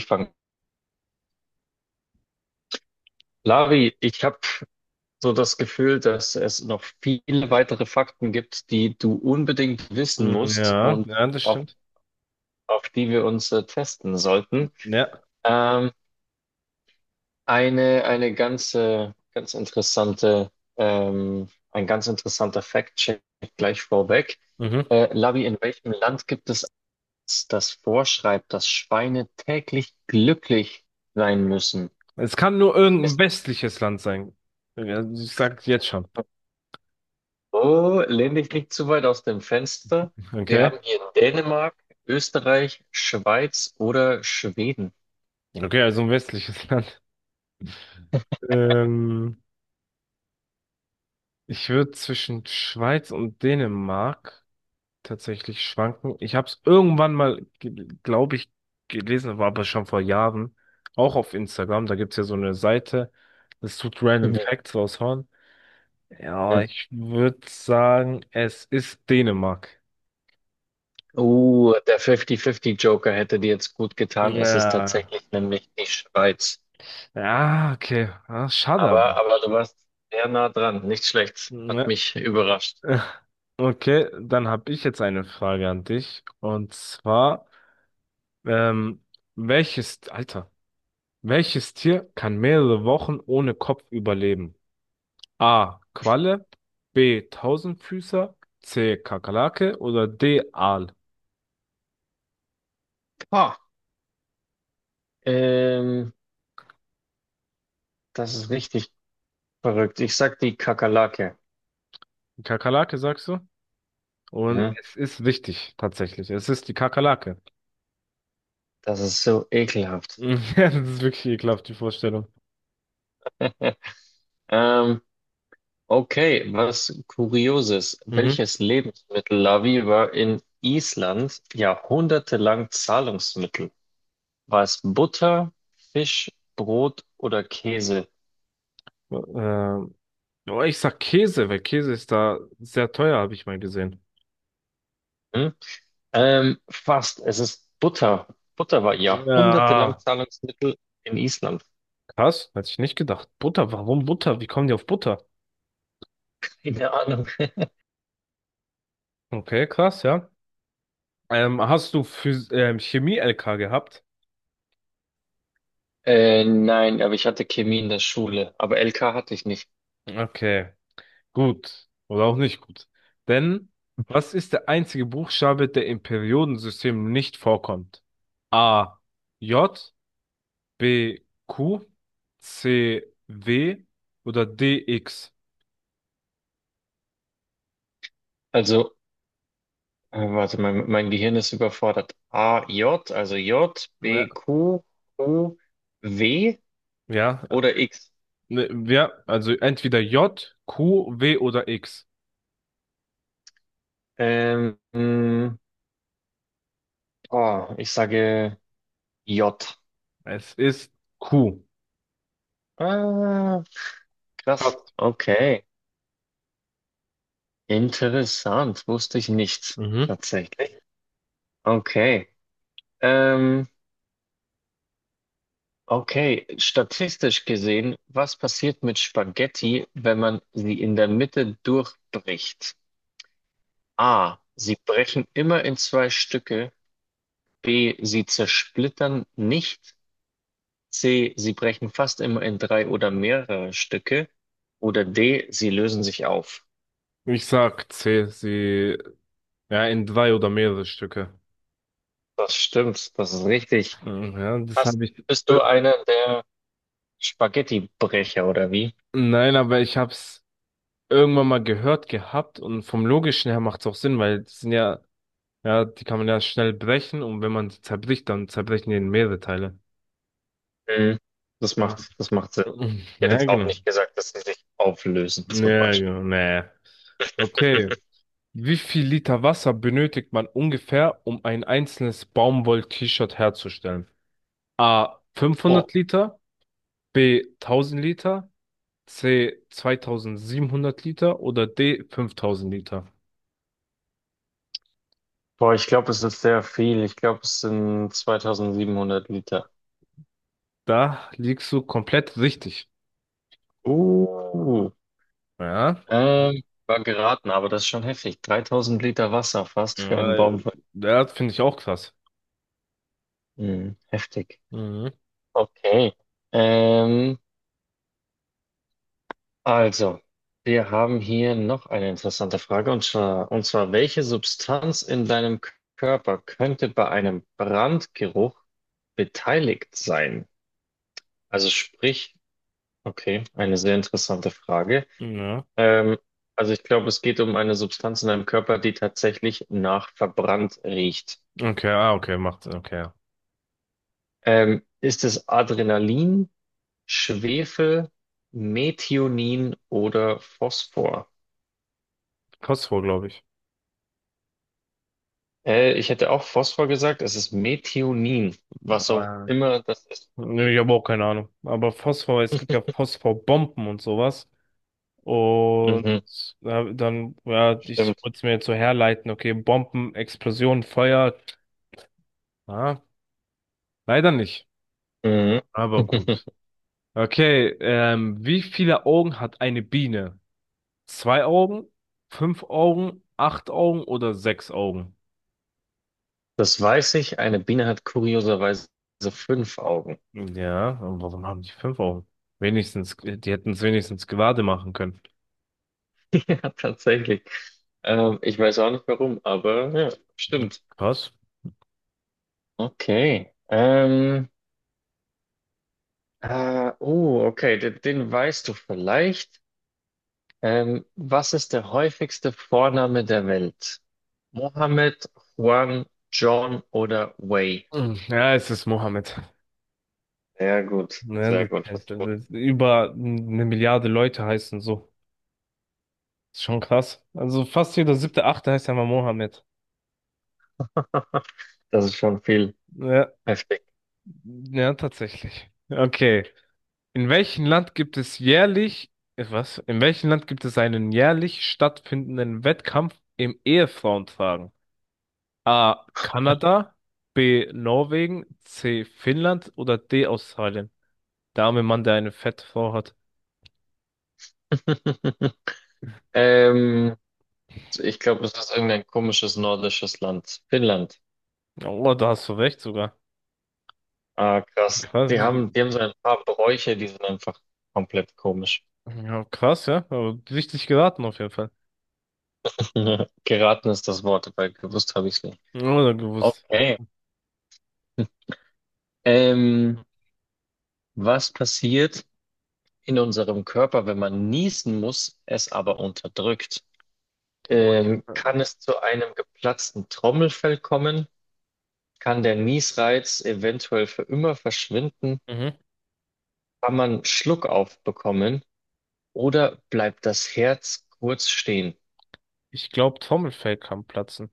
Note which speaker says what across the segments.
Speaker 1: Anfangen. Lavi, ich habe so das Gefühl, dass es noch viele weitere Fakten gibt, die du unbedingt wissen
Speaker 2: Mhm,
Speaker 1: musst
Speaker 2: Ja,
Speaker 1: und
Speaker 2: das
Speaker 1: auf,
Speaker 2: stimmt.
Speaker 1: auf die wir uns testen sollten.
Speaker 2: Ja.
Speaker 1: Ähm, eine ganz interessante, ein ganz interessanter Fact-Check gleich vorweg.
Speaker 2: Mhm.
Speaker 1: Lavi, in welchem Land gibt es eins, das vorschreibt, dass Schweine täglich glücklich sein müssen?
Speaker 2: Es kann nur irgendein westliches Land sein. Ja, ich sag's jetzt schon.
Speaker 1: Oh, Lendig liegt zu weit aus dem Fenster. Wir
Speaker 2: Okay.
Speaker 1: haben hier Dänemark, Österreich, Schweiz oder Schweden.
Speaker 2: Okay, also ein westliches Land. Ähm, ich würde zwischen Schweiz und Dänemark tatsächlich schwanken. Ich habe es irgendwann mal, glaube ich, gelesen, war aber schon vor Jahren, auch auf Instagram. Da gibt's ja so eine Seite, das tut Random
Speaker 1: Mhm.
Speaker 2: Facts raushauen. Ja, ich würde sagen, es ist Dänemark.
Speaker 1: Oh, der 50-50-Joker hätte dir jetzt gut getan. Es ist
Speaker 2: Ja.
Speaker 1: tatsächlich nämlich die Schweiz.
Speaker 2: Ja, okay. Ah, schade aber.
Speaker 1: Aber du warst sehr nah dran. Nicht schlecht. Hat
Speaker 2: Ja.
Speaker 1: mich überrascht.
Speaker 2: Okay, dann habe ich jetzt eine Frage an dich. Und zwar, ähm, welches, Alter, welches Tier kann mehrere Wochen ohne Kopf überleben? A. Qualle, B. Tausendfüßer, C. Kakerlake oder D. Aal?
Speaker 1: Ah, ähm, das ist richtig verrückt. Ich sag die Kakerlake.
Speaker 2: Kakerlake sagst du? Und
Speaker 1: Mhm.
Speaker 2: es ist richtig, tatsächlich. Es ist die Kakerlake.
Speaker 1: Das ist so ekelhaft.
Speaker 2: Ja, das ist wirklich ekelhaft, die Vorstellung.
Speaker 1: Ähm, Okay, was Kurioses.
Speaker 2: Mhm.
Speaker 1: Welches Lebensmittel, Lavi, war in Island jahrhundertelang Zahlungsmittel? War es Butter, Fisch, Brot oder Käse?
Speaker 2: Ähm, oh, ich sag Käse, weil Käse ist da sehr teuer, habe ich mal gesehen.
Speaker 1: Hm? Fast, es ist Butter. Butter war jahrhundertelang
Speaker 2: Ja.
Speaker 1: Zahlungsmittel in Island.
Speaker 2: Krass, hätte ich nicht gedacht. Butter, warum Butter? Wie kommen die auf Butter?
Speaker 1: Keine Ahnung.
Speaker 2: Okay, krass, ja. Hast du Phys Chemie-LK gehabt?
Speaker 1: Nein, aber ich hatte Chemie in der Schule, aber LK hatte ich nicht.
Speaker 2: Okay, gut. Oder auch nicht gut. Denn was ist der einzige Buchstabe, der im Periodensystem nicht vorkommt? A, J, B, Q, C, W oder D, X?
Speaker 1: Also also mein Gehirn ist überfordert. A, J, also J,
Speaker 2: Ja,
Speaker 1: B, Q, U, W
Speaker 2: ja,
Speaker 1: oder X?
Speaker 2: Ne, ja, also entweder J, Q, W oder X.
Speaker 1: Ähm, mh, oh, ich sage J.
Speaker 2: Es ist Q.
Speaker 1: Ah, krass.
Speaker 2: Passt.
Speaker 1: Okay. Interessant. Wusste ich nicht.
Speaker 2: Mhm.
Speaker 1: Tatsächlich. Okay. Ähm, okay. Statistisch gesehen, was passiert mit Spaghetti, wenn man sie in der Mitte durchbricht? A. Sie brechen immer in zwei Stücke. B. Sie zersplittern nicht. C. Sie brechen fast immer in drei oder mehrere Stücke. Oder D. Sie lösen sich auf.
Speaker 2: Ich sag C, ja, in drei oder mehrere Stücke.
Speaker 1: Das stimmt, das ist richtig.
Speaker 2: Mhm, ja, das
Speaker 1: Hast,
Speaker 2: habe ich.
Speaker 1: bist
Speaker 2: Äh,
Speaker 1: du einer der Spaghettibrecher oder wie?
Speaker 2: Nein, aber ich habe es irgendwann mal gehört gehabt und vom Logischen her macht es auch Sinn, weil die sind ja, ja, die kann man ja schnell brechen und wenn man die zerbricht, dann zerbrechen die in mehrere Teile.
Speaker 1: Hm,
Speaker 2: Ah.
Speaker 1: das macht Sinn.
Speaker 2: Mhm,
Speaker 1: Ich hätte
Speaker 2: ja,
Speaker 1: jetzt auch
Speaker 2: genau.
Speaker 1: nicht gesagt, dass sie sich auflösen, zum
Speaker 2: Ja,
Speaker 1: Beispiel.
Speaker 2: genau. Nee. Okay. Wie viel Liter Wasser benötigt man ungefähr, um ein einzelnes Baumwoll-T-Shirt herzustellen? A.
Speaker 1: Ja.
Speaker 2: 500 Liter, B. 1000 Liter, C. 2700 Liter oder D. 5000 Liter?
Speaker 1: Boah, ich glaube, es ist sehr viel. Ich glaube, es sind 2700 Liter.
Speaker 2: Da liegst du komplett richtig.
Speaker 1: Uh.
Speaker 2: Ja,
Speaker 1: War geraten, aber das ist schon heftig. 3000 Liter Wasser fast für einen Baum.
Speaker 2: äh, das finde ich auch krass.
Speaker 1: Hm, heftig.
Speaker 2: Mhm.
Speaker 1: Okay. Ähm, also, wir haben hier noch eine interessante Frage und zwar, welche Substanz in deinem Körper könnte bei einem Brandgeruch beteiligt sein? Also sprich, okay, eine sehr interessante Frage.
Speaker 2: Ja.
Speaker 1: Ähm, also ich glaube, es geht um eine Substanz in deinem Körper, die tatsächlich nach verbrannt riecht.
Speaker 2: Okay, ah, okay, macht, okay.
Speaker 1: Ist es Adrenalin, Schwefel, Methionin oder Phosphor?
Speaker 2: Phosphor, glaube ich.
Speaker 1: Ich hätte auch Phosphor gesagt, es ist Methionin, was auch
Speaker 2: Äh,
Speaker 1: immer das ist.
Speaker 2: nee, ich habe auch keine Ahnung. Aber Phosphor, es gibt ja Phosphorbomben und sowas. Und
Speaker 1: Mhm,
Speaker 2: dann, ja, ich
Speaker 1: stimmt.
Speaker 2: wollte es mir jetzt so herleiten, okay, Bomben, Explosion, Feuer. Ah, leider nicht,
Speaker 1: Mhm.
Speaker 2: aber gut. Okay, wie viele Augen hat eine Biene? Zwei Augen, fünf Augen, acht Augen oder sechs Augen?
Speaker 1: Das weiß ich. Eine Biene hat kurioserweise fünf Augen.
Speaker 2: Ja, und warum haben die fünf Augen? Wenigstens, die hätten es wenigstens gerade machen können.
Speaker 1: Ja, tatsächlich. Ich weiß auch nicht warum, aber ja, stimmt.
Speaker 2: Was?
Speaker 1: Okay. Oh, okay, den weißt du vielleicht. Was ist der häufigste Vorname der Welt? Mohammed, Juan, John oder Wei?
Speaker 2: Hm, ja, es ist Mohammed.
Speaker 1: Sehr gut,
Speaker 2: Ne,
Speaker 1: sehr
Speaker 2: das
Speaker 1: gut,
Speaker 2: heißt,
Speaker 1: hast du
Speaker 2: das
Speaker 1: gut
Speaker 2: ist über eine Milliarde Leute heißen so. Ist schon krass. Also fast jeder siebte, achte heißt ja mal Mohammed.
Speaker 1: gemacht. Das ist schon viel
Speaker 2: Ja,
Speaker 1: heftig.
Speaker 2: ja, tatsächlich. Okay. In welchem Land gibt es jährlich, was? In welchem Land gibt es einen jährlich stattfindenden Wettkampf im Ehefrauentragen? A. Kanada, B. Norwegen, C. Finnland oder D. Australien? Der arme Mann, der eine fette Frau hat.
Speaker 1: Ähm, ich glaube, es ist irgendein komisches nordisches Land. Finnland.
Speaker 2: Oh, da hast du recht sogar.
Speaker 1: Ah, krass.
Speaker 2: Krass, wie,
Speaker 1: Die haben so ein paar Bräuche, die sind einfach komplett komisch.
Speaker 2: ja, krass, ja. Aber richtig geraten auf jeden Fall.
Speaker 1: Geraten ist das Wort, weil gewusst habe ich es nicht.
Speaker 2: Oder gewusst.
Speaker 1: Okay. Ähm, was passiert, in unserem Körper, wenn man niesen muss, es aber unterdrückt. Kann es zu einem geplatzten Trommelfell kommen? Kann der Niesreiz eventuell für immer verschwinden?
Speaker 2: Mhm.
Speaker 1: Kann man Schluckauf bekommen? Oder bleibt das Herz kurz stehen?
Speaker 2: Ich glaube, Trommelfell kann platzen.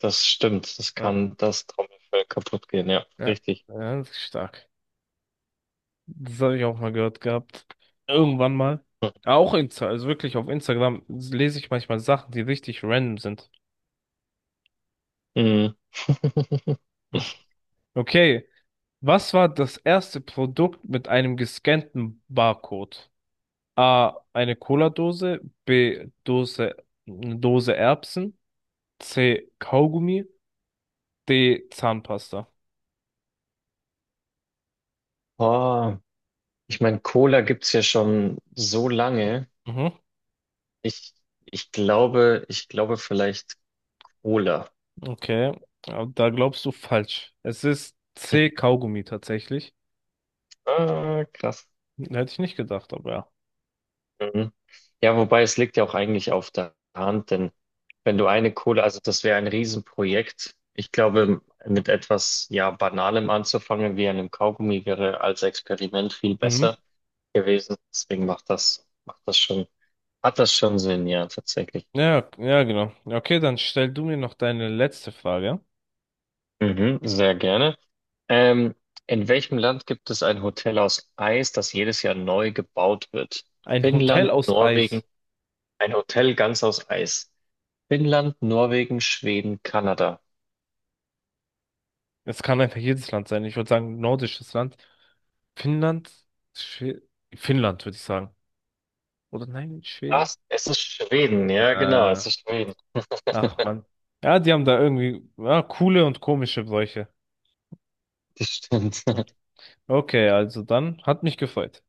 Speaker 1: Das stimmt, das
Speaker 2: Ja,
Speaker 1: kann das Trommelfell kaputt gehen, ja,
Speaker 2: ja,
Speaker 1: richtig.
Speaker 2: ja, das ist stark. Das habe ich auch mal gehört gehabt. Irgendwann mal.
Speaker 1: Hm.
Speaker 2: Ah, auch Insta, also wirklich auf Instagram lese ich manchmal Sachen, die richtig random sind.
Speaker 1: Mhm.
Speaker 2: Okay, was war das erste Produkt mit einem gescannten Barcode? A, eine Cola-Dose, B, eine Dose Erbsen, C, Kaugummi, D, Zahnpasta.
Speaker 1: Oh, ich meine, Cola gibt's ja schon so lange.
Speaker 2: Mhm.
Speaker 1: Ich, ich glaube vielleicht Cola.
Speaker 2: Okay, aber da glaubst du falsch. Es ist C-Kaugummi tatsächlich.
Speaker 1: Ah, krass.
Speaker 2: Hätte ich nicht gedacht, aber ja.
Speaker 1: Mhm. Ja, wobei es liegt ja auch eigentlich auf der Hand, denn wenn du eine Kohle, also das wäre ein Riesenprojekt. Ich glaube, mit etwas ja Banalem anzufangen, wie einem Kaugummi, wäre als Experiment viel
Speaker 2: Mhm.
Speaker 1: besser gewesen. Deswegen macht macht das schon, hat das schon Sinn, ja, tatsächlich.
Speaker 2: Ja, ja, genau. Ja, okay, dann stell du mir noch deine letzte Frage.
Speaker 1: Mhm, sehr gerne. Ähm, in welchem Land gibt es ein Hotel aus Eis, das jedes Jahr neu gebaut wird?
Speaker 2: Ein Hotel
Speaker 1: Finnland,
Speaker 2: aus
Speaker 1: Norwegen,
Speaker 2: Eis.
Speaker 1: ein Hotel ganz aus Eis. Finnland, Norwegen, Schweden, Kanada.
Speaker 2: Es kann einfach jedes Land sein. Ich würde sagen, nordisches Land. Finnland? Schwe Finnland, würde ich sagen. Oder nein, Schweden?
Speaker 1: Was? Es ist Schweden, ja,
Speaker 2: Äh,
Speaker 1: genau, es ist Schweden.
Speaker 2: ach Mann. Ja, die haben da irgendwie ja, coole und komische Bräuche.
Speaker 1: Das stimmt.
Speaker 2: Hm. Okay, also dann hat mich gefreut.